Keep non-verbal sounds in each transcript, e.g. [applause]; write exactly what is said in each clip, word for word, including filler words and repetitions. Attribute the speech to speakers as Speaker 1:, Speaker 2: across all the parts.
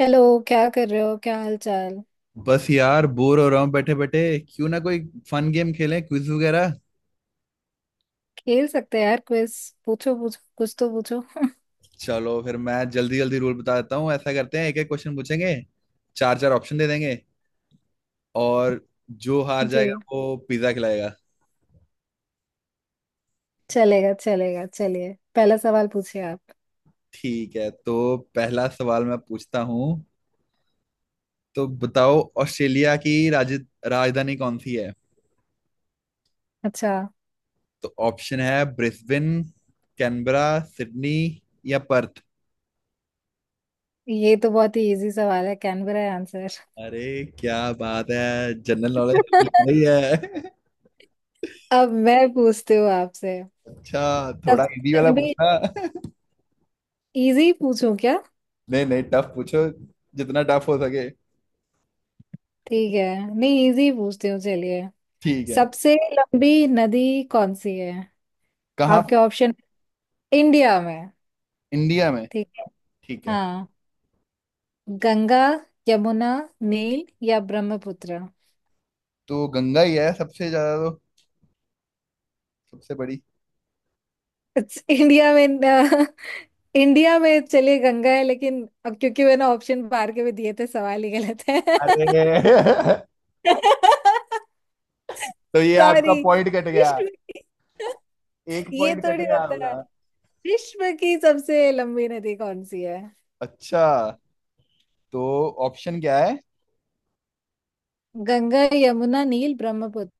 Speaker 1: Hello. क्या कर रहे हो, क्या हाल चाल।
Speaker 2: बस यार, बोर हो रहा हूँ बैठे बैठे। क्यों ना कोई फन गेम खेलें, क्विज वगैरह।
Speaker 1: खेल सकते हैं यार क्विज। पूछो पूछो, कुछ तो पूछो।
Speaker 2: चलो फिर मैं जल्दी जल्दी रूल बता देता हूँ। ऐसा करते हैं, एक एक क्वेश्चन पूछेंगे, चार चार ऑप्शन दे देंगे, और जो
Speaker 1: [laughs]
Speaker 2: हार
Speaker 1: जी।
Speaker 2: जाएगा वो पिज्जा खिलाएगा।
Speaker 1: चलेगा चलेगा, चलिए पहला सवाल पूछिए आप।
Speaker 2: ठीक है, तो पहला सवाल मैं पूछता हूँ। तो बताओ, ऑस्ट्रेलिया की राज, राजधानी कौन सी है?
Speaker 1: अच्छा,
Speaker 2: तो ऑप्शन है ब्रिस्बेन, कैनबरा, सिडनी या पर्थ।
Speaker 1: ये तो बहुत ही इजी सवाल है, कैनबरा है आंसर।
Speaker 2: अरे क्या बात है, जनरल नॉलेज नहीं
Speaker 1: [laughs]
Speaker 2: है।
Speaker 1: अब मैं पूछती हूँ आपसे।
Speaker 2: अच्छा, थोड़ा इजी
Speaker 1: सबसे
Speaker 2: वाला
Speaker 1: लंबी,
Speaker 2: पूछना।
Speaker 1: इजी पूछूं क्या?
Speaker 2: [laughs] नहीं नहीं, टफ पूछो, जितना टफ हो सके।
Speaker 1: ठीक है। नहीं, इजी पूछती हूँ चलिए।
Speaker 2: ठीक है।
Speaker 1: सबसे लंबी नदी कौन सी है?
Speaker 2: कहाँ पर?
Speaker 1: आपके ऑप्शन। इंडिया में।
Speaker 2: इंडिया में?
Speaker 1: ठीक है।
Speaker 2: ठीक है।
Speaker 1: हाँ। गंगा, यमुना, नील या ब्रह्मपुत्र।
Speaker 2: तो गंगा ही है सबसे ज्यादा तो, सबसे बड़ी।
Speaker 1: [laughs] It's- इंडिया में अ, इंडिया में, चलिए गंगा है, लेकिन अब क्योंकि मैंने ऑप्शन बाहर के भी दिए थे, सवाल ही गलत है।
Speaker 2: अरे [laughs]
Speaker 1: [laughs]
Speaker 2: तो ये आपका
Speaker 1: सॉरी।
Speaker 2: पॉइंट कट गया,
Speaker 1: विश्व की
Speaker 2: एक
Speaker 1: ये
Speaker 2: पॉइंट कट
Speaker 1: थोड़ी
Speaker 2: गया
Speaker 1: होता है।
Speaker 2: होगा।
Speaker 1: विश्व की सबसे लंबी नदी कौन सी है?
Speaker 2: अच्छा, तो ऑप्शन क्या है?
Speaker 1: गंगा, यमुना, नील, ब्रह्मपुत्र।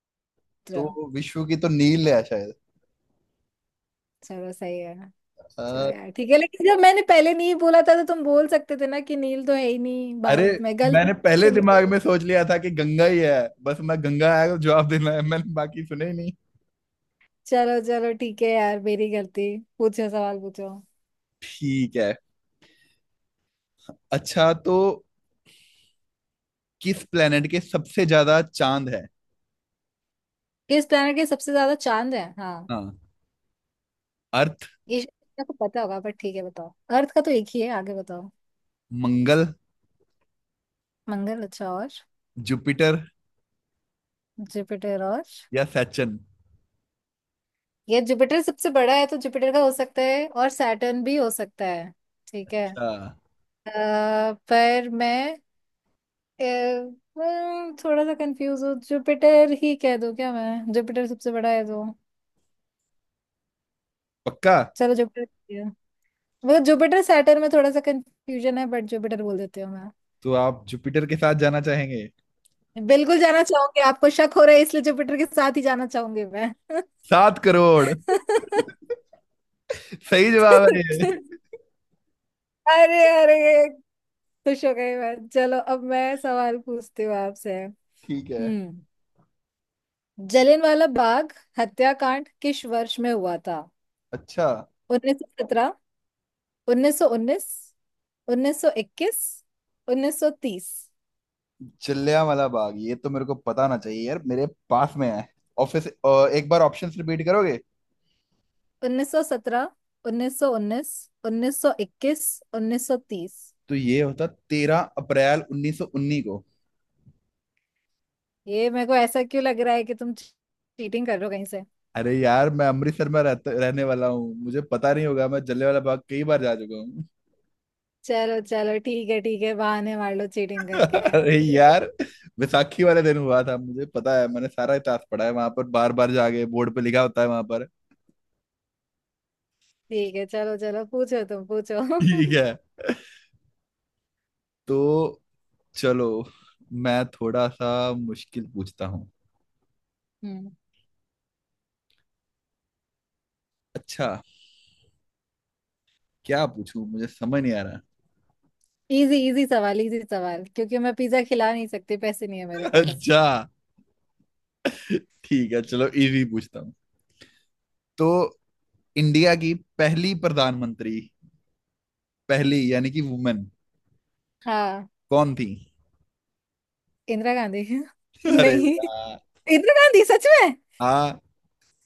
Speaker 2: तो विश्व की तो नील है शायद।
Speaker 1: चलो सही है। चलो
Speaker 2: अ,
Speaker 1: यार ठीक है, लेकिन जब मैंने पहले नहीं बोला था तो तुम बोल सकते थे ना कि नील तो है ही नहीं
Speaker 2: अरे,
Speaker 1: भारत में, गलत
Speaker 2: मैंने पहले
Speaker 1: से।
Speaker 2: दिमाग में सोच लिया था कि गंगा ही है। बस मैं गंगा आया तो जवाब देना है, मैंने बाकी सुने ही नहीं।
Speaker 1: चलो चलो ठीक है यार, मेरी गलती। पूछो सवाल पूछो।
Speaker 2: ठीक है। अच्छा, तो किस प्लेनेट के सबसे ज्यादा चांद है?
Speaker 1: किस प्लैनेट के सबसे ज्यादा चांद है? हाँ।
Speaker 2: हाँ। अर्थ।
Speaker 1: ये शायद आपको पता होगा पर ठीक है, बताओ। अर्थ का तो एक ही है, आगे बताओ।
Speaker 2: मंगल।
Speaker 1: मंगल, अच्छा और।
Speaker 2: जुपिटर।
Speaker 1: जुपिटर और?
Speaker 2: या सैटर्न।
Speaker 1: ये जुपिटर सबसे बड़ा है तो जुपिटर का हो सकता है, और सैटर्न भी हो सकता है। ठीक है।
Speaker 2: अच्छा।
Speaker 1: अ, पर मैं अ, हम्म, थोड़ा सा कंफ्यूज हूँ। जुपिटर ही कह दूँ क्या मैं? जुपिटर सबसे बड़ा है तो।
Speaker 2: पक्का?
Speaker 1: चलो जुपिटर। मतलब जुपिटर सैटर्न में थोड़ा सा कंफ्यूजन है, बट जुपिटर बोल देती हूँ।
Speaker 2: तो आप जुपिटर के साथ जाना चाहेंगे?
Speaker 1: बिल्कुल जाना चाहूंगी। आपको शक हो रहा है इसलिए जुपिटर के साथ ही जाना चाहूंगी मैं। [laughs]
Speaker 2: सात करोड़। सही जवाब है
Speaker 1: अरे,
Speaker 2: ये।
Speaker 1: अरे, खुश हो गई मैं। चलो, अब मैं सवाल पूछती हूँ आपसे।
Speaker 2: ठीक है।
Speaker 1: हम्म जलियांवाला बाग हत्याकांड किस वर्ष में हुआ था?
Speaker 2: अच्छा।
Speaker 1: उन्नीस सौ सत्रह, उन्नीस सौ उन्नीस, उन्नीस सौ इक्कीस, उन्नीस सौ तीस।
Speaker 2: जलियांवाला बाग, ये तो मेरे को पता ना चाहिए यार, मेरे पास में है। ऑफिस, अ, एक बार ऑप्शंस रिपीट करोगे?
Speaker 1: उन्नीस सौ सत्रह, उन्नीस सौ उन्नीस, उन्नीस सौ इक्कीस, उन्नीस सौ तीस।
Speaker 2: तो ये होता तेरह अप्रैल उन्नीस सौ उन्नीस को।
Speaker 1: ये मेरे को ऐसा क्यों लग रहा है कि तुम चीटिंग कर रहे हो कहीं से?
Speaker 2: अरे यार, मैं अमृतसर में रहते रहने वाला हूँ, मुझे पता नहीं होगा? मैं जलियांवाला बाग कई बार जा चुका हूँ।
Speaker 1: चलो चलो, ठीक है ठीक है, बहाने मार लो चीटिंग करके।
Speaker 2: अरे
Speaker 1: पूछो।
Speaker 2: यार, बैसाखी वाले दिन हुआ था, मुझे पता है, मैंने सारा इतिहास पढ़ा है, वहां पर बार बार जाके बोर्ड पे लिखा होता है वहां पर।
Speaker 1: ठीक है, चलो चलो, पूछो तुम पूछो। [laughs]
Speaker 2: ठीक है। तो चलो मैं थोड़ा सा मुश्किल पूछता हूँ।
Speaker 1: हम्म
Speaker 2: अच्छा, क्या पूछूं मुझे समझ नहीं आ रहा।
Speaker 1: इजी इजी सवाल, इजी सवाल, क्योंकि मैं पिज्जा खिला नहीं सकती, पैसे नहीं है मेरे
Speaker 2: [laughs]
Speaker 1: पास।
Speaker 2: अच्छा, ठीक है चलो इजी पूछता हूँ। तो इंडिया की पहली प्रधानमंत्री, पहली यानी कि वुमेन,
Speaker 1: हाँ,
Speaker 2: कौन थी?
Speaker 1: इंदिरा गांधी। [laughs]
Speaker 2: [laughs] अरे
Speaker 1: नहीं,
Speaker 2: यार।
Speaker 1: इंदिरा गांधी सच में?
Speaker 2: हाँ।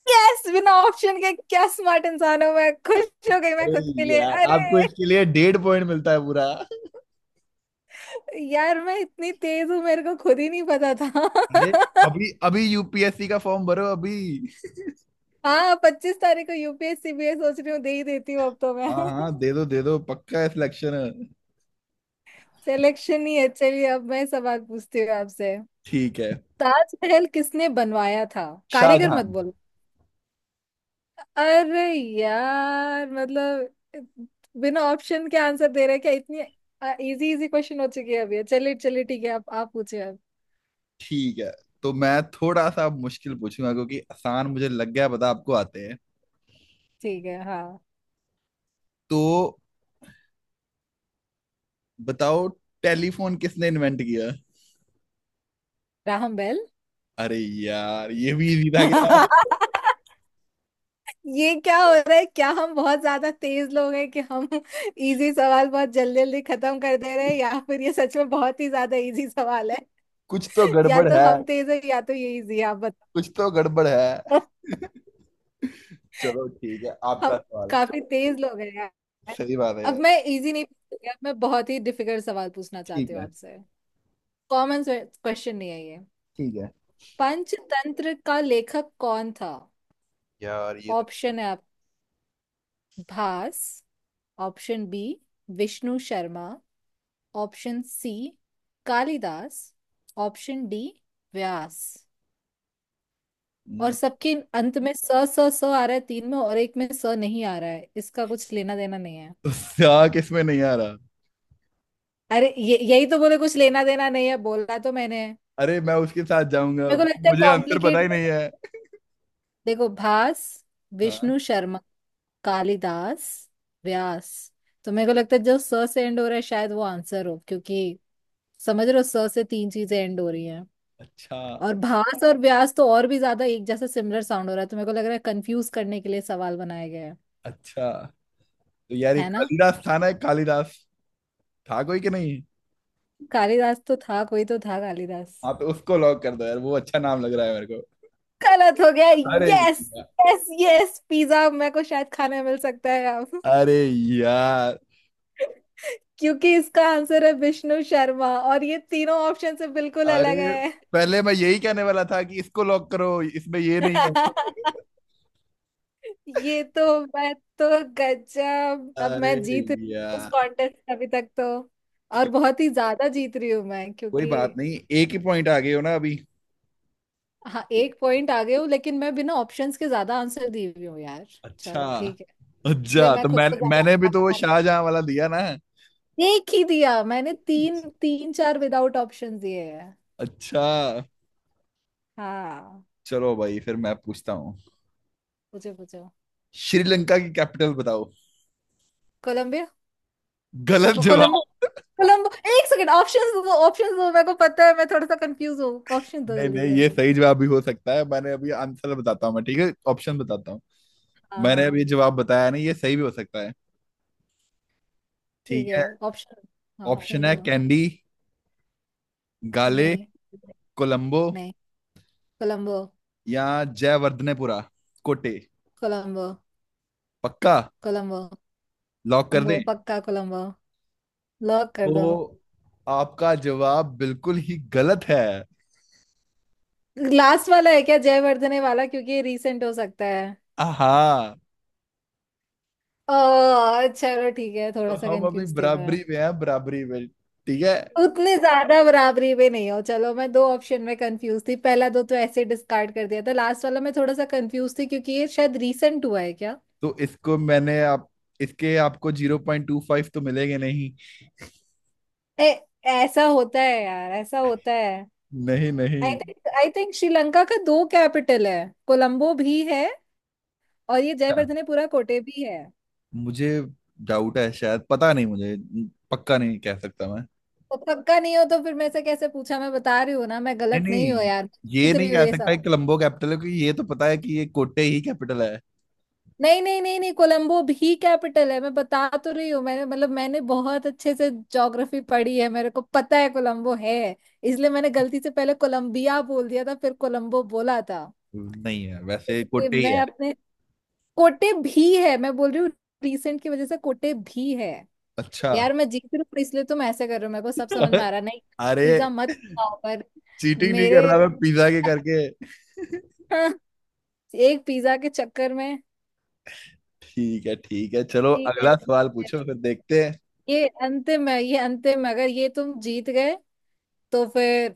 Speaker 1: यस, बिना ऑप्शन के, क्या स्मार्ट इंसान हूँ मैं, खुश हो गई मैं
Speaker 2: अरे
Speaker 1: खुद के लिए।
Speaker 2: यार, आपको
Speaker 1: अरे,
Speaker 2: इसके लिए डेढ़ पॉइंट मिलता है पूरा।
Speaker 1: यार मैं इतनी तेज हूँ, मेरे को खुद ही नहीं पता था।
Speaker 2: अरे, अभी अभी यूपीएससी का फॉर्म भरो अभी।
Speaker 1: [laughs] हाँ, पच्चीस तारीख को U P S C B ए सोच रही हूँ, दे ही देती हूँ अब तो मैं।
Speaker 2: हाँ हाँ, दे दो दे दो, पक्का है सिलेक्शन।
Speaker 1: सिलेक्शन ही है, चलिए अब मैं सवाल पूछती हूँ आपसे।
Speaker 2: ठीक है।
Speaker 1: ताजमहल किसने बनवाया था? कारीगर मत
Speaker 2: शाहजहान।
Speaker 1: बोलो। अरे यार, मतलब बिना ऑप्शन के आंसर दे रहे हैं क्या, इतनी इजी इजी क्वेश्चन हो चुकी है अभी। चलिए चलिए ठीक है, आप आप पूछिए अब।
Speaker 2: ठीक है, तो मैं थोड़ा सा मुश्किल पूछूंगा क्योंकि आसान मुझे लग गया, पता आपको आते हैं।
Speaker 1: ठीक है, हाँ।
Speaker 2: तो बताओ, टेलीफोन किसने इन्वेंट किया?
Speaker 1: Graham Bell.
Speaker 2: अरे यार, ये भी इजी था क्या?
Speaker 1: [laughs] ये क्या हो रहा है, क्या हम बहुत ज्यादा तेज लोग हैं कि हम इजी सवाल बहुत जल्दी जल्दी खत्म कर दे रहे हैं, या फिर ये सच में बहुत ही ज्यादा इजी सवाल है?
Speaker 2: कुछ तो
Speaker 1: या
Speaker 2: गड़बड़
Speaker 1: तो
Speaker 2: है।
Speaker 1: हम तेज है या तो ये इजी है, आप बताओ।
Speaker 2: कुछ तो गड़बड़ है।
Speaker 1: [laughs]
Speaker 2: चलो ठीक है,
Speaker 1: हम
Speaker 2: आपका सवाल।
Speaker 1: काफी तेज लोग हैं यार।
Speaker 2: सही बात है
Speaker 1: अब
Speaker 2: यार।
Speaker 1: मैं इजी नहीं पूछूंगी, अब मैं बहुत ही डिफिकल्ट सवाल पूछना
Speaker 2: ठीक
Speaker 1: चाहती हूँ
Speaker 2: है।
Speaker 1: आपसे। कॉमन क्वेश्चन नहीं है ये।
Speaker 2: ठीक है।
Speaker 1: पंचतंत्र का लेखक कौन था?
Speaker 2: यार, ये तो
Speaker 1: ऑप्शन है आप, Bhasa. Option B, Vishnu Sharma. Option C, Kalidas. Option D, Vyas. और
Speaker 2: हम्म,
Speaker 1: सबके अंत में स, स स आ रहा है तीन में, और एक में स नहीं आ रहा है, इसका कुछ लेना देना नहीं है।
Speaker 2: तो क्या, किसमें नहीं आ रहा?
Speaker 1: अरे, ये यही तो बोले कुछ लेना देना नहीं है, बोला तो मैंने।
Speaker 2: अरे मैं उसके साथ जाऊंगा।
Speaker 1: मेरे को लगता है
Speaker 2: मुझे आंसर पता
Speaker 1: कॉम्प्लिकेट
Speaker 2: ही
Speaker 1: कर।
Speaker 2: नहीं है।
Speaker 1: देखो, भास,
Speaker 2: हाँ।
Speaker 1: विष्णु शर्मा, कालिदास, व्यास। तो मेरे को लगता है जो स से एंड हो रहा है शायद वो आंसर हो, क्योंकि समझ रहे हो, स से तीन चीजें एंड हो रही हैं।
Speaker 2: अच्छा।
Speaker 1: और भास और व्यास तो और भी ज्यादा एक जैसा सिमिलर साउंड हो रहा है, तो मेरे को लग रहा है कंफ्यूज करने के लिए सवाल बनाया गया है।
Speaker 2: अच्छा तो यार, ये
Speaker 1: है ना?
Speaker 2: कालिदास था ना, एक कालिदास था कोई कि नहीं?
Speaker 1: कालिदास तो था, कोई तो था कालिदास।
Speaker 2: हाँ, तो उसको लॉक कर दो यार, वो अच्छा नाम लग रहा है मेरे को।
Speaker 1: गलत हो गया।
Speaker 2: अरे
Speaker 1: यस,
Speaker 2: यार,
Speaker 1: यस यस, पिज्जा मेरे को शायद खाने मिल सकता है अब,
Speaker 2: अरे यार।
Speaker 1: क्योंकि इसका आंसर है विष्णु शर्मा, और ये तीनों ऑप्शन से बिल्कुल अलग
Speaker 2: अरे,
Speaker 1: है।
Speaker 2: पहले मैं यही कहने वाला था कि इसको लॉक करो, इसमें ये नहीं है।
Speaker 1: [laughs] ये तो, मैं तो, गजब, अब मैं
Speaker 2: अरे
Speaker 1: जीत रही हूँ इस
Speaker 2: यार।
Speaker 1: कॉन्टेस्ट अभी तक तो, और
Speaker 2: ठीक।
Speaker 1: बहुत ही ज्यादा जीत रही हूँ मैं
Speaker 2: कोई
Speaker 1: क्योंकि,
Speaker 2: बात नहीं, एक ही पॉइंट आ गए हो ना अभी।
Speaker 1: हाँ, एक पॉइंट आगे हूँ लेकिन मैं बिना ऑप्शंस के ज्यादा आंसर दी हुई हूँ यार।
Speaker 2: अच्छा।
Speaker 1: चलो ठीक है। इसलिए
Speaker 2: अच्छा
Speaker 1: मैं
Speaker 2: तो
Speaker 1: खुद
Speaker 2: मैं
Speaker 1: को
Speaker 2: मैंने भी तो वो
Speaker 1: ज्यादा,
Speaker 2: शाहजहां वाला दिया ना।
Speaker 1: एक ही दिया मैंने, तीन तीन चार विदाउट ऑप्शन दिए हैं।
Speaker 2: अच्छा।
Speaker 1: हाँ,
Speaker 2: चलो भाई फिर मैं पूछता हूँ।
Speaker 1: पूछो पूछो।
Speaker 2: श्रीलंका की कैपिटल बताओ।
Speaker 1: कोलंबिया।
Speaker 2: गलत
Speaker 1: को-
Speaker 2: जवाब।
Speaker 1: कोलंबो, कोलंबो। एक सेकंड, ऑप्शंस दो, ऑप्शंस दो, मेरे को पता है, मैं थोड़ा सा कंफ्यूज हूँ। ऑप्शन दो
Speaker 2: नहीं
Speaker 1: जल्दी
Speaker 2: नहीं,
Speaker 1: से।
Speaker 2: ये सही जवाब भी हो सकता है, मैंने अभी आंसर बताता हूँ मैं, ठीक है, ऑप्शन बताता हूँ।
Speaker 1: हाँ
Speaker 2: मैंने
Speaker 1: हाँ,
Speaker 2: अभी जवाब बताया नहीं, ये सही भी हो सकता है।
Speaker 1: ठीक
Speaker 2: ठीक
Speaker 1: है
Speaker 2: है।
Speaker 1: ऑप्शन। हाँ,
Speaker 2: ऑप्शन
Speaker 1: ऑप्शंस
Speaker 2: है
Speaker 1: दो।
Speaker 2: कैंडी, गाले,
Speaker 1: नहीं,
Speaker 2: कोलंबो
Speaker 1: नहीं, कोलंबो।
Speaker 2: या जयवर्धनेपुरा कोटे।
Speaker 1: कोलंबो।
Speaker 2: पक्का?
Speaker 1: कोलंबो।
Speaker 2: लॉक कर
Speaker 1: कोलंबो
Speaker 2: दें?
Speaker 1: पक्का। कोलंबो, लॉक कर दो।
Speaker 2: तो आपका जवाब बिल्कुल ही गलत है।
Speaker 1: लास्ट वाला है क्या जयवर्धने वाला, क्योंकि ये रिसेंट हो सकता है?
Speaker 2: आहा।
Speaker 1: ओ, चलो ठीक है,
Speaker 2: तो
Speaker 1: थोड़ा सा
Speaker 2: हम अभी
Speaker 1: कंफ्यूज थी मैं।
Speaker 2: बराबरी में हैं, बराबरी में, ठीक है।
Speaker 1: उतने ज्यादा बराबरी पे नहीं हो, चलो मैं दो ऑप्शन में कंफ्यूज थी, पहला दो तो ऐसे डिस्कार्ड कर दिया था, लास्ट वाला मैं थोड़ा सा कंफ्यूज थी क्योंकि ये शायद रीसेंट हुआ है क्या।
Speaker 2: तो इसको मैंने आप, इसके आपको जीरो पॉइंट टू फाइव तो मिलेंगे नहीं।
Speaker 1: ए, ऐसा होता है यार, ऐसा होता है।
Speaker 2: नहीं
Speaker 1: आई
Speaker 2: नहीं।
Speaker 1: थिंक आई थिंक श्रीलंका का दो कैपिटल है, कोलंबो भी है, और ये
Speaker 2: अच्छा,
Speaker 1: जयवर्धनेपुरा कोटे भी है।
Speaker 2: मुझे डाउट है, शायद पता नहीं मुझे, पक्का नहीं कह सकता मैं।
Speaker 1: तो पक्का नहीं हो तो फिर मैं से कैसे पूछा, मैं बता रही हूँ ना, मैं
Speaker 2: नहीं
Speaker 1: गलत नहीं हूँ
Speaker 2: नहीं,
Speaker 1: यार,
Speaker 2: ये
Speaker 1: जीत
Speaker 2: नहीं
Speaker 1: रही हूँ
Speaker 2: कह
Speaker 1: ये।
Speaker 2: सकता कि कोलंबो कैपिटल है, क्योंकि ये तो पता है कि ये कोटे ही कैपिटल है।
Speaker 1: नहीं, नहीं, नहीं, नहीं, कोलंबो भी कैपिटल है, मैं बता तो रही हूँ, मैंने मतलब मैंने बहुत अच्छे से ज्योग्राफी पढ़ी है, मेरे को पता है कोलंबो है। इसलिए मैंने गलती से पहले कोलंबिया बोल दिया था, फिर कोलंबो बोला था।
Speaker 2: नहीं है, वैसे
Speaker 1: इसलिए
Speaker 2: कोटे ही
Speaker 1: मैं
Speaker 2: है।
Speaker 1: अपने कोटे भी है, मैं बोल रही हूँ, रिसेंट की वजह से कोटे भी है।
Speaker 2: अच्छा।
Speaker 1: यार मैं जीत रही हूँ इसलिए तुम ऐसे कर रहे हो, मेरे को सब समझ में आ
Speaker 2: [laughs]
Speaker 1: रहा है। नहीं,
Speaker 2: अरे,
Speaker 1: पिज्जा मत खाओ पर।
Speaker 2: चीटिंग नहीं
Speaker 1: मेरे,
Speaker 2: कर रहा मैं पिज्जा के करके।
Speaker 1: [laughs] एक पिज्जा के चक्कर में।
Speaker 2: ठीक है ठीक है, चलो
Speaker 1: ठीक है
Speaker 2: अगला सवाल
Speaker 1: ठीक है।
Speaker 2: पूछो, फिर देखते हैं।
Speaker 1: ये अंतिम है, ये अंतिम है, अगर ये तुम जीत गए तो फिर,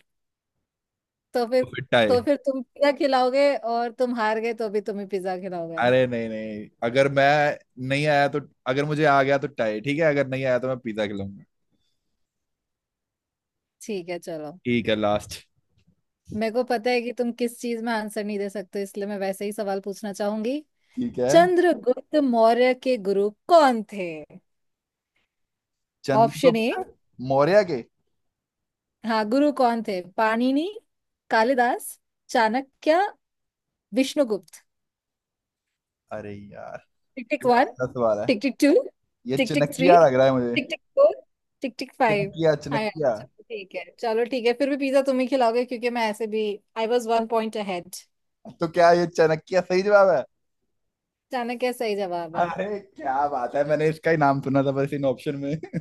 Speaker 1: तो फिर
Speaker 2: तो फिर टाई।
Speaker 1: तो फिर तुम पिज्जा खिलाओगे, और तुम हार गए तो भी तुम्हें पिज्जा खिलाओगे।
Speaker 2: अरे नहीं नहीं, अगर मैं नहीं आया तो, अगर मुझे आ गया तो टाई ठीक है, अगर नहीं आया तो मैं पिज्जा खिलाऊंगा।
Speaker 1: ठीक है चलो।
Speaker 2: ठीक है, लास्ट।
Speaker 1: मेरे को पता है कि तुम किस चीज में आंसर नहीं दे सकते, इसलिए मैं वैसे ही सवाल पूछना चाहूंगी।
Speaker 2: ठीक है।
Speaker 1: चंद्रगुप्त मौर्य के गुरु कौन थे? Option A.
Speaker 2: चंद्रगुप्त मौर्य के।
Speaker 1: हाँ, गुरु कौन थे? पाणिनि, कालिदास, चाणक्य, विष्णुगुप्त।
Speaker 2: अरे यार,
Speaker 1: टिक टिक
Speaker 2: ये
Speaker 1: वन,
Speaker 2: पहला सवाल है।
Speaker 1: टिक टिक टू,
Speaker 2: ये
Speaker 1: टिक टिक थ्री,
Speaker 2: चनकिया लग रहा है मुझे।
Speaker 1: Tick tick four, tick tick five.
Speaker 2: Chanakya
Speaker 1: हाँ यार,
Speaker 2: चनकिया।
Speaker 1: चलो ठीक है, चलो ठीक है, फिर भी पिज्जा तुम ही खिलाओगे क्योंकि मैं ऐसे भी I was one point ahead.
Speaker 2: तो क्या ये चनकिया सही जवाब है?
Speaker 1: चाणक्य क्या सही जवाब है?
Speaker 2: अरे क्या बात है, मैंने इसका ही नाम सुना था बस इन ऑप्शन में। [laughs]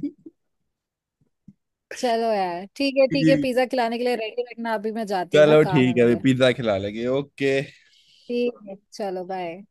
Speaker 1: चलो यार ठीक है, ठीक है,
Speaker 2: ठीक।
Speaker 1: पिज्जा खिलाने के लिए रेडी रखना, अभी मैं जाती हूँ ना,
Speaker 2: चलो
Speaker 1: काम है
Speaker 2: ठीक है,
Speaker 1: मेरे।
Speaker 2: पिज्जा खिला लेंगे। ओके।
Speaker 1: ठीक है चलो, बाय।